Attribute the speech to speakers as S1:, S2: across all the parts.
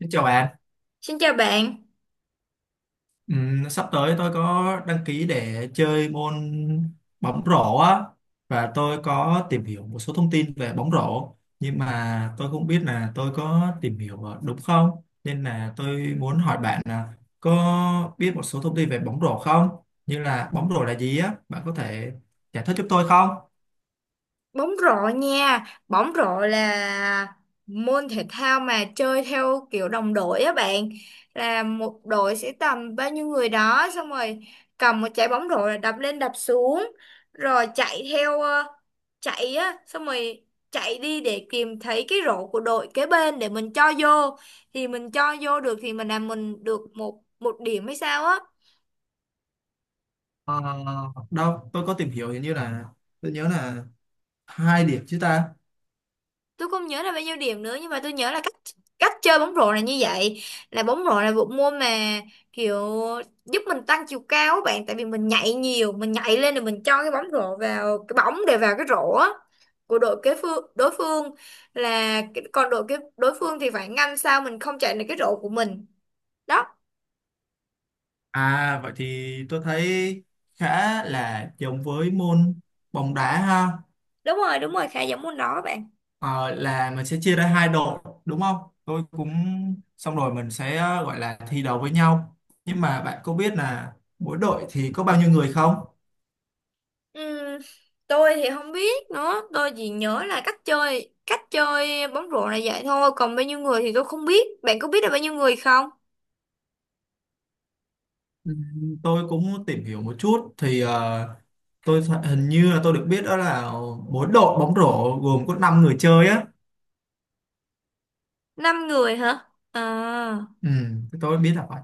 S1: Xin chào bạn.
S2: Xin chào bạn,
S1: Sắp tới tôi có đăng ký để chơi môn bóng rổ á, và tôi có tìm hiểu một số thông tin về bóng rổ, nhưng mà tôi không biết là tôi có tìm hiểu đúng không, nên là tôi muốn hỏi bạn là có biết một số thông tin về bóng rổ không, như là bóng rổ là gì á, bạn có thể giải thích giúp tôi không?
S2: bóng rổ nha. Bóng rổ là môn thể thao mà chơi theo kiểu đồng đội á bạn. Là một đội sẽ tầm bao nhiêu người đó, xong rồi cầm một trái bóng rổ là đập lên đập xuống rồi chạy theo chạy á, xong rồi chạy đi để tìm thấy cái rổ của đội kế bên để mình cho vô. Thì mình cho vô được thì mình làm, mình được một một điểm hay sao á.
S1: Ờ, đâu tôi có tìm hiểu, hình như là tôi nhớ là hai điểm chứ ta.
S2: Tôi không nhớ là bao nhiêu điểm nữa, nhưng mà tôi nhớ là cách cách chơi bóng rổ là như vậy. Là bóng rổ là bộ môn mà kiểu giúp mình tăng chiều cao á bạn, tại vì mình nhảy nhiều, mình nhảy lên rồi mình cho cái bóng rổ vào, cái bóng để vào cái rổ á của đội kế phương đối phương. Còn đội cái đối phương thì phải ngăn sao mình không chạy được cái rổ của mình đó.
S1: À, vậy thì tôi thấy khá là giống với môn bóng đá ha.
S2: Đúng rồi, đúng rồi, khá giống môn đó bạn.
S1: Ờ, là mình sẽ chia ra hai đội đúng không? Tôi cũng, xong rồi mình sẽ gọi là thi đấu với nhau, nhưng mà bạn có biết là mỗi đội thì có bao nhiêu người không?
S2: Ừm, tôi thì không biết nữa, tôi chỉ nhớ là cách chơi bóng rổ là vậy thôi, còn bao nhiêu người thì tôi không biết. Bạn có biết là bao nhiêu người không?
S1: Ừ, tôi cũng tìm hiểu một chút thì hình như là tôi được biết, đó là mỗi đội bóng rổ gồm có 5 người chơi á.
S2: Năm người hả, à?
S1: Ừ, tôi biết là vậy.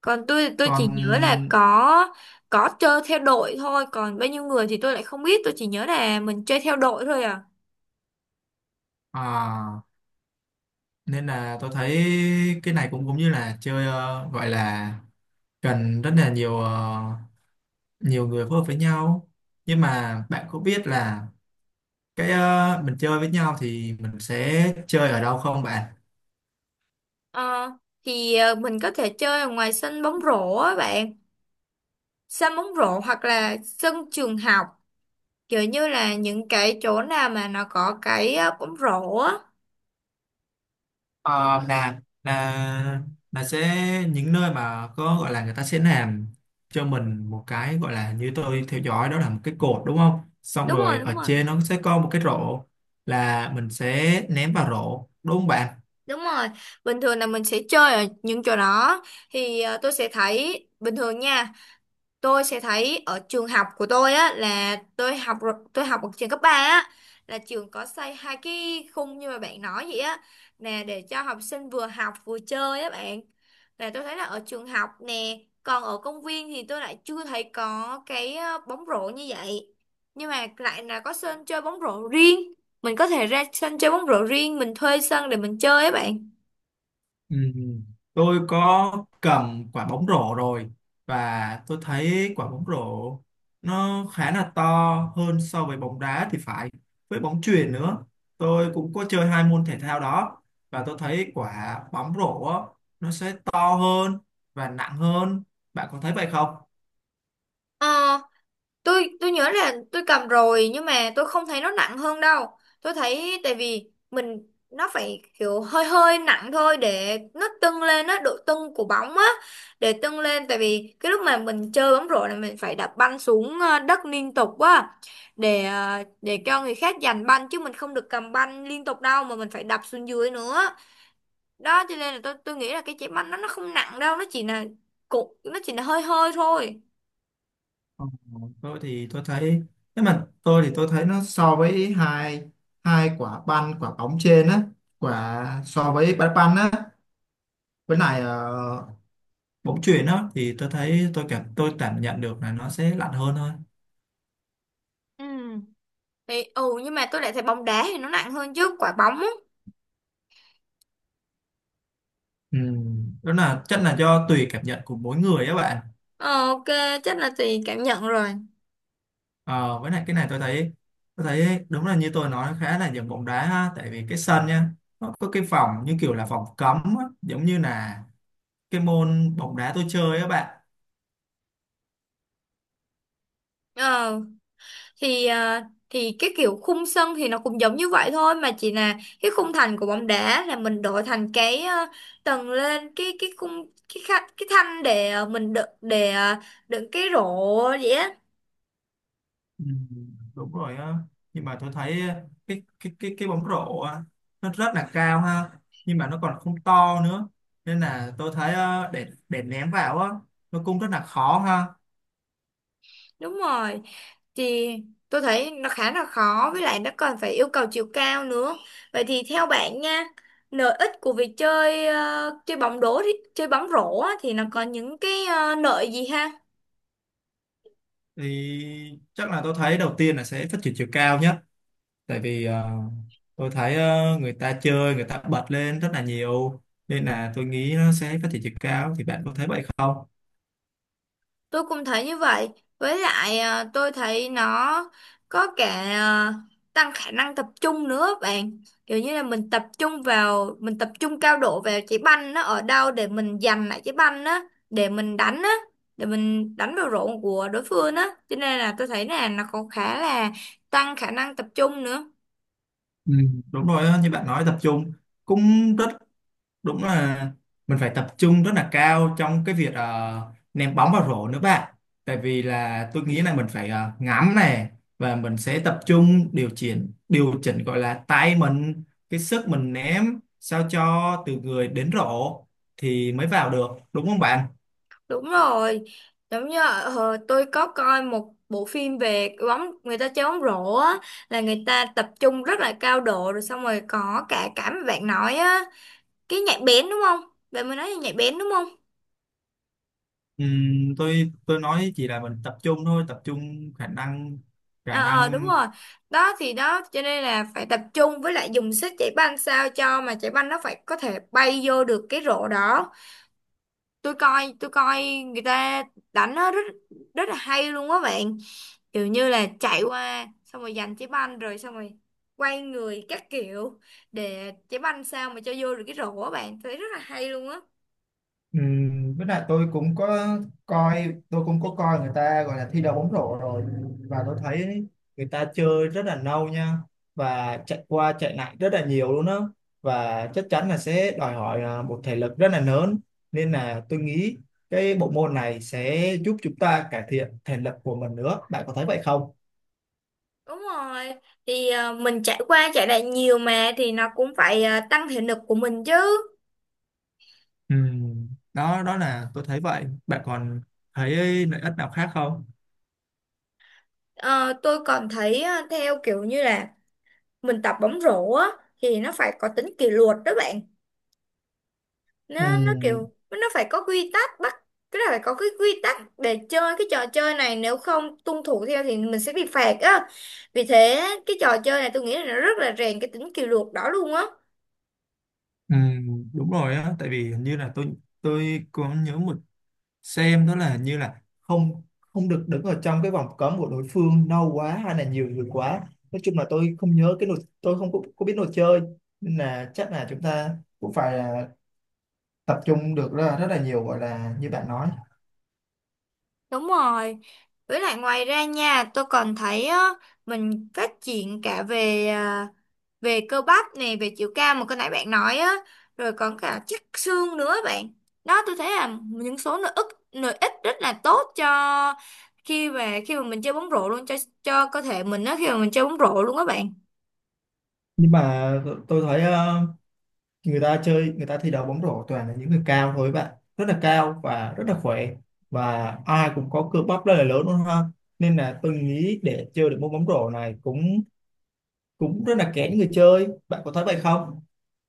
S2: Còn tôi
S1: Còn
S2: chỉ nhớ là có chơi theo đội thôi, còn bao nhiêu người thì tôi lại không biết, tôi chỉ nhớ là mình chơi theo đội thôi à.
S1: à, nên là tôi thấy cái này cũng cũng như là chơi gọi là cần rất là nhiều nhiều người phối hợp với nhau, nhưng mà bạn có biết là cái mình chơi với nhau thì mình sẽ chơi ở đâu không bạn?
S2: Ờ, mình có thể chơi ở ngoài sân bóng rổ á bạn, sân bóng rổ hoặc là sân trường học, kiểu như là những cái chỗ nào mà nó có cái bóng rổ á.
S1: Ờ, là sẽ những nơi mà có, gọi là, người ta sẽ làm cho mình một cái, gọi là như tôi theo dõi, đó là một cái cột đúng không, xong
S2: Đúng rồi,
S1: rồi
S2: đúng
S1: ở
S2: rồi,
S1: trên nó sẽ có một cái rổ, là mình sẽ ném vào rổ đúng không bạn?
S2: đúng rồi, bình thường là mình sẽ chơi ở những chỗ đó. Tôi sẽ thấy bình thường nha, tôi sẽ thấy ở trường học của tôi á. Là tôi học ở trường cấp 3 á, là trường có xây hai cái khung như mà bạn nói vậy á, nè, để cho học sinh vừa học vừa chơi á bạn. Là tôi thấy là ở trường học nè, còn ở công viên thì tôi lại chưa thấy có cái bóng rổ như vậy, nhưng mà lại là có sân chơi bóng rổ riêng. Mình có thể ra sân chơi bóng rổ riêng, mình thuê sân để mình chơi á bạn.
S1: Ừ. Tôi có cầm quả bóng rổ rồi, và tôi thấy quả bóng rổ nó khá là to hơn so với bóng đá thì phải, với bóng chuyền nữa, tôi cũng có chơi hai môn thể thao đó, và tôi thấy quả bóng rổ á, nó sẽ to hơn và nặng hơn, bạn có thấy vậy không?
S2: Ờ, tôi nhớ là tôi cầm rồi, nhưng mà tôi không thấy nó nặng hơn đâu. Tôi thấy tại vì mình, nó phải kiểu hơi hơi nặng thôi để nó tưng lên á, độ tưng của bóng á, để tưng lên. Tại vì cái lúc mà mình chơi bóng rổ là mình phải đập banh xuống đất liên tục á, để để cho người khác giành banh, chứ mình không được cầm banh liên tục đâu mà mình phải đập xuống dưới nữa đó. Cho nên là tôi nghĩ là cái trái banh nó không nặng đâu, nó chỉ là hơi hơi thôi.
S1: Ờ, tôi thì tôi thấy tôi thì tôi thấy nó so với hai hai quả banh quả bóng trên á, quả so với banh banh á, với lại bóng chuyền á, thì tôi thấy tôi cảm nhận được là nó sẽ lạnh hơn thôi.
S2: Ừ. Thì, ừ, nhưng mà tôi lại thấy bóng đá thì nó nặng hơn chứ quả bóng á.
S1: Ừ, đó là chắc là do tùy cảm nhận của mỗi người á bạn.
S2: Ờ, ok, chắc là tùy cảm nhận rồi.
S1: Ờ, với lại cái này tôi thấy đúng là như tôi nói, khá là giống bóng đá ha, tại vì cái sân nha, nó có cái phòng như kiểu là phòng cấm á, giống như là cái môn bóng đá tôi chơi á bạn.
S2: Ờ thì ờ, thì cái kiểu khung sân thì nó cũng giống như vậy thôi, mà chỉ là cái khung thành của bóng đá là mình đổi thành cái tầng lên cái khung, cái thanh để mình đựng, để đựng cái rổ vậy á.
S1: Ừ, đúng rồi á. Nhưng mà tôi thấy cái bóng rổ á, nó rất là cao ha, nhưng mà nó còn không to nữa, nên là tôi thấy để ném vào á, nó cũng rất là khó ha.
S2: Đúng rồi. Thì tôi thấy nó khá là khó, với lại nó còn phải yêu cầu chiều cao nữa. Vậy thì theo bạn nha, lợi ích của việc chơi bóng rổ á, thì nó có những cái lợi gì ha?
S1: Thì chắc là tôi thấy đầu tiên là sẽ phát triển chiều cao nhất, tại vì tôi thấy người ta chơi, người ta bật lên rất là nhiều, nên là tôi nghĩ nó sẽ phát triển chiều cao, thì bạn có thấy vậy không?
S2: Tôi cũng thấy như vậy. Với lại à, tôi thấy nó có cả à, tăng khả năng tập trung nữa bạn. Kiểu như là mình tập trung vào, mình tập trung cao độ vào trái banh nó ở đâu để mình giành lại trái banh á, để mình đánh á, để mình đánh vào rổ của đối phương á. Cho nên là tôi thấy là nó có khá là tăng khả năng tập trung nữa.
S1: Ừ, đúng rồi á, như bạn nói tập trung cũng rất, đúng là mình phải tập trung rất là cao trong cái việc ném bóng vào rổ nữa bạn, tại vì là tôi nghĩ là mình phải ngắm này, và mình sẽ tập trung, điều chỉnh gọi là tay mình, cái sức mình ném sao cho từ người đến rổ thì mới vào được, đúng không bạn?
S2: Đúng rồi, giống như tôi có coi một bộ phim về bóng, người ta chơi bóng rổ á, là người ta tập trung rất là cao độ, rồi xong rồi có cả cảm bạn nói á, cái nhạy bén đúng không? Bạn mới nói là nhạy bén đúng không?
S1: Tôi nói chỉ là mình tập trung thôi, tập trung khả năng khả
S2: Ờ, Đúng
S1: năng
S2: rồi. Đó thì đó, cho nên là phải tập trung, với lại dùng sức chạy banh sao cho mà chạy banh nó phải có thể bay vô được cái rổ đó. Tôi coi người ta đánh nó rất rất là hay luôn á bạn, kiểu như là chạy qua xong rồi giành trái banh rồi xong rồi quay người các kiểu để trái banh sao mà cho vô được cái rổ á bạn, thấy rất là hay luôn á.
S1: Với lại tôi cũng có coi người ta, gọi là thi đấu bóng rổ rồi, và tôi thấy người ta chơi rất là lâu nha, và chạy qua chạy lại rất là nhiều luôn á, và chắc chắn là sẽ đòi hỏi một thể lực rất là lớn, nên là tôi nghĩ cái bộ môn này sẽ giúp chúng ta cải thiện thể lực của mình nữa, bạn có thấy vậy không?
S2: Đúng rồi, mình chạy qua chạy lại nhiều mà thì nó cũng phải tăng thể lực của mình chứ.
S1: Ừm, đó đó là tôi thấy vậy, bạn còn thấy lợi ích nào khác không?
S2: Ờ, tôi còn thấy theo kiểu như là mình tập bóng rổ á thì nó phải có tính kỷ luật đó bạn.
S1: Ừ.
S2: Nó kiểu nó phải có quy tắc, bắt cái là phải có cái quy tắc để chơi cái trò chơi này, nếu không tuân thủ theo thì mình sẽ bị phạt á. Vì thế cái trò chơi này tôi nghĩ là nó rất là rèn cái tính kỷ luật đó luôn á.
S1: Ừ, đúng rồi á, tại vì hình như là tôi có nhớ một xem, đó là hình như là không không được đứng ở trong cái vòng cấm của đối phương lâu quá hay là nhiều người quá, nói chung là tôi không nhớ cái luật, tôi không có biết luật chơi, nên là chắc là chúng ta cũng phải là tập trung được rất là nhiều, gọi là như bạn nói.
S2: Đúng rồi. Với lại ngoài ra nha, tôi còn thấy á, mình phát triển cả về, về cơ bắp nè, về chiều cao mà cái nãy bạn nói á, rồi còn cả chắc xương nữa bạn. Đó, tôi thấy là những số lợi ích rất là tốt cho khi mà mình chơi bóng rổ luôn, cho cơ thể mình á khi mà mình chơi bóng rổ luôn á bạn.
S1: Nhưng mà tôi thấy người ta thi đấu bóng rổ toàn là những người cao thôi bạn, rất là cao và rất là khỏe, và ai cũng có cơ bắp rất là lớn luôn ha, nên là tôi nghĩ để chơi được môn bóng rổ này cũng cũng rất là kén người chơi, bạn có thấy vậy không?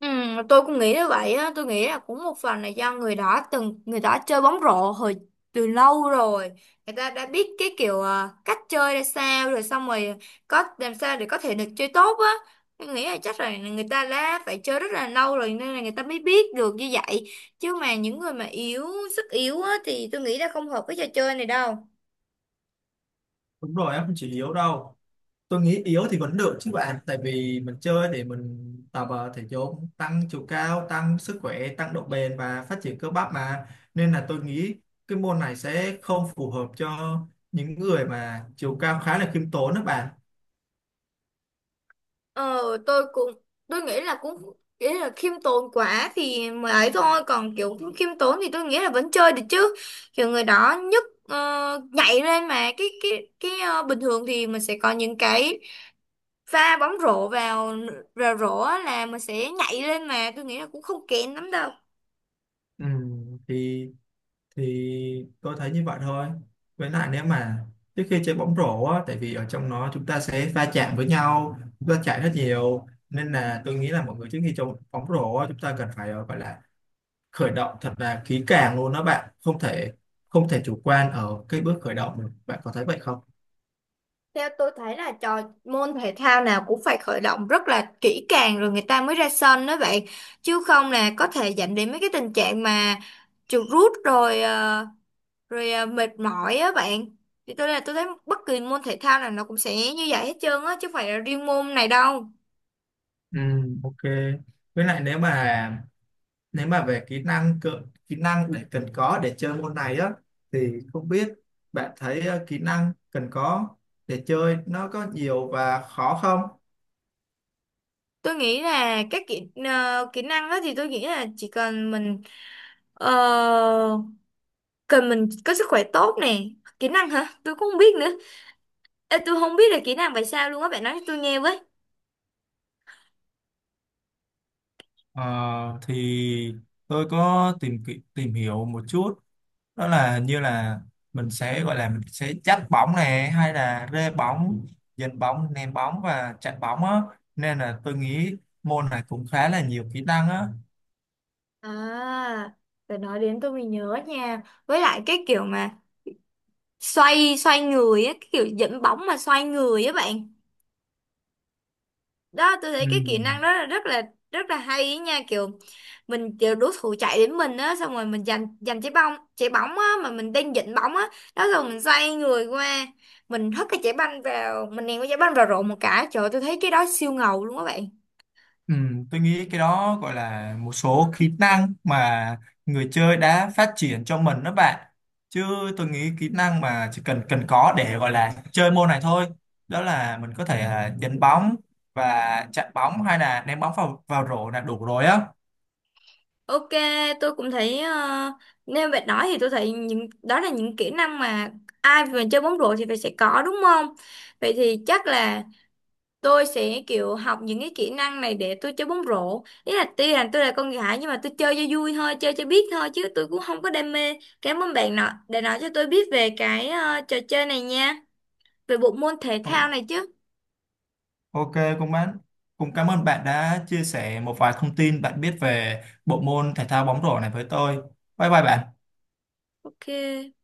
S2: Ừ, tôi cũng nghĩ như vậy á. Tôi nghĩ là cũng một phần là do người đó, chơi bóng rổ từ lâu rồi, người ta đã biết cái kiểu à, cách chơi ra sao rồi, xong rồi có làm sao để có thể được chơi tốt á. Tôi nghĩ là chắc là người ta đã phải chơi rất là lâu rồi nên là người ta mới biết được như vậy. Chứ mà những người mà yếu, sức yếu á thì tôi nghĩ là không hợp với trò chơi này đâu.
S1: Đúng rồi, em không chỉ yếu đâu, tôi nghĩ yếu thì vẫn được chứ bạn, tại vì mình chơi để mình tập thể dục, tăng chiều cao, tăng sức khỏe, tăng độ bền và phát triển cơ bắp mà, nên là tôi nghĩ cái môn này sẽ không phù hợp cho những người mà chiều cao khá là khiêm tốn đó bạn.
S2: Ờ, tôi cũng tôi nghĩ là cũng nghĩ là khiêm tốn quá thì mới ấy thôi, còn kiểu không khiêm tốn thì tôi nghĩ là vẫn chơi được chứ. Kiểu người đó nhấc, nhảy lên mà cái bình thường thì mình sẽ có những cái pha bóng rổ vào vào rổ á là mình sẽ nhảy lên, mà tôi nghĩ là cũng không kén lắm đâu.
S1: Ừ, thì thì tôi thấy như vậy thôi. Với lại, nếu mà trước khi chơi bóng rổ á, tại vì ở trong nó chúng ta sẽ va chạm với nhau, va chạm rất nhiều, nên là tôi nghĩ là mọi người trước khi chơi bóng rổ á, chúng ta cần phải gọi là khởi động thật là kỹ càng luôn đó bạn, không thể chủ quan ở cái bước khởi động. Bạn có thấy vậy không?
S2: Theo tôi thấy là môn thể thao nào cũng phải khởi động rất là kỹ càng rồi người ta mới ra sân đó vậy, chứ không là có thể dẫn đến mấy cái tình trạng mà chuột rút rồi, rồi à, mệt mỏi á bạn. Thì tôi thấy bất kỳ môn thể thao nào nó cũng sẽ như vậy hết trơn á, chứ không phải là riêng môn này đâu.
S1: Ừ, ok. Với lại, nếu mà về kỹ năng cơ, kỹ năng để cần có để chơi môn này á, thì không biết bạn thấy kỹ năng cần có để chơi nó có nhiều và khó không?
S2: Tôi nghĩ là kỹ năng á thì tôi nghĩ là chỉ cần mình ờ, cần mình có sức khỏe tốt nè. Kỹ năng hả, tôi cũng không biết nữa. Ê, tôi không biết là kỹ năng phải sao luôn á, bạn nói cho tôi nghe với.
S1: Ờ, thì tôi có tìm hiểu một chút, đó là như là mình sẽ, gọi là, mình sẽ dắt bóng này, hay là rê bóng, dẫn bóng, ném bóng và chặn bóng á, nên là tôi nghĩ môn này cũng khá là nhiều kỹ năng á.
S2: À, phải nói đến tôi mới nhớ nha, với lại cái kiểu mà xoay xoay người á, cái kiểu dẫn bóng mà xoay người á bạn. Đó, tôi
S1: Ừ.
S2: thấy cái kỹ năng đó là rất là hay ý nha, kiểu mình, kiểu đối thủ chạy đến mình á, xong rồi mình giành giành trái bóng á mà mình đang giận bóng á. Đó rồi mình xoay người qua, mình ném cái trái banh vào rổ một cái, trời ơi, tôi thấy cái đó siêu ngầu luôn các bạn.
S1: Ừ, tôi nghĩ cái đó gọi là một số kỹ năng mà người chơi đã phát triển cho mình đó bạn, chứ tôi nghĩ kỹ năng mà chỉ cần cần có để gọi là chơi môn này thôi, đó là mình có thể đánh bóng và chặn bóng, hay là ném bóng vào vào rổ là đủ rồi á.
S2: Ok, tôi cũng thấy nếu bạn nói thì tôi thấy những đó là những kỹ năng mà ai mà chơi bóng rổ thì phải sẽ có, đúng không? Vậy thì chắc là tôi sẽ kiểu học những cái kỹ năng này để tôi chơi bóng rổ. Ý là tuy là tôi là con gái nhưng mà tôi chơi cho vui thôi, chơi cho biết thôi, chứ tôi cũng không có đam mê. Cảm ơn bạn nọ đã nói cho tôi biết về cái trò chơi này nha, về bộ môn thể
S1: Ờ,
S2: thao này chứ.
S1: ok, cũng bạn cũng cảm ơn bạn đã chia sẻ một vài thông tin bạn biết về bộ môn thể thao bóng rổ này với tôi. Bye bye bạn.
S2: Ok.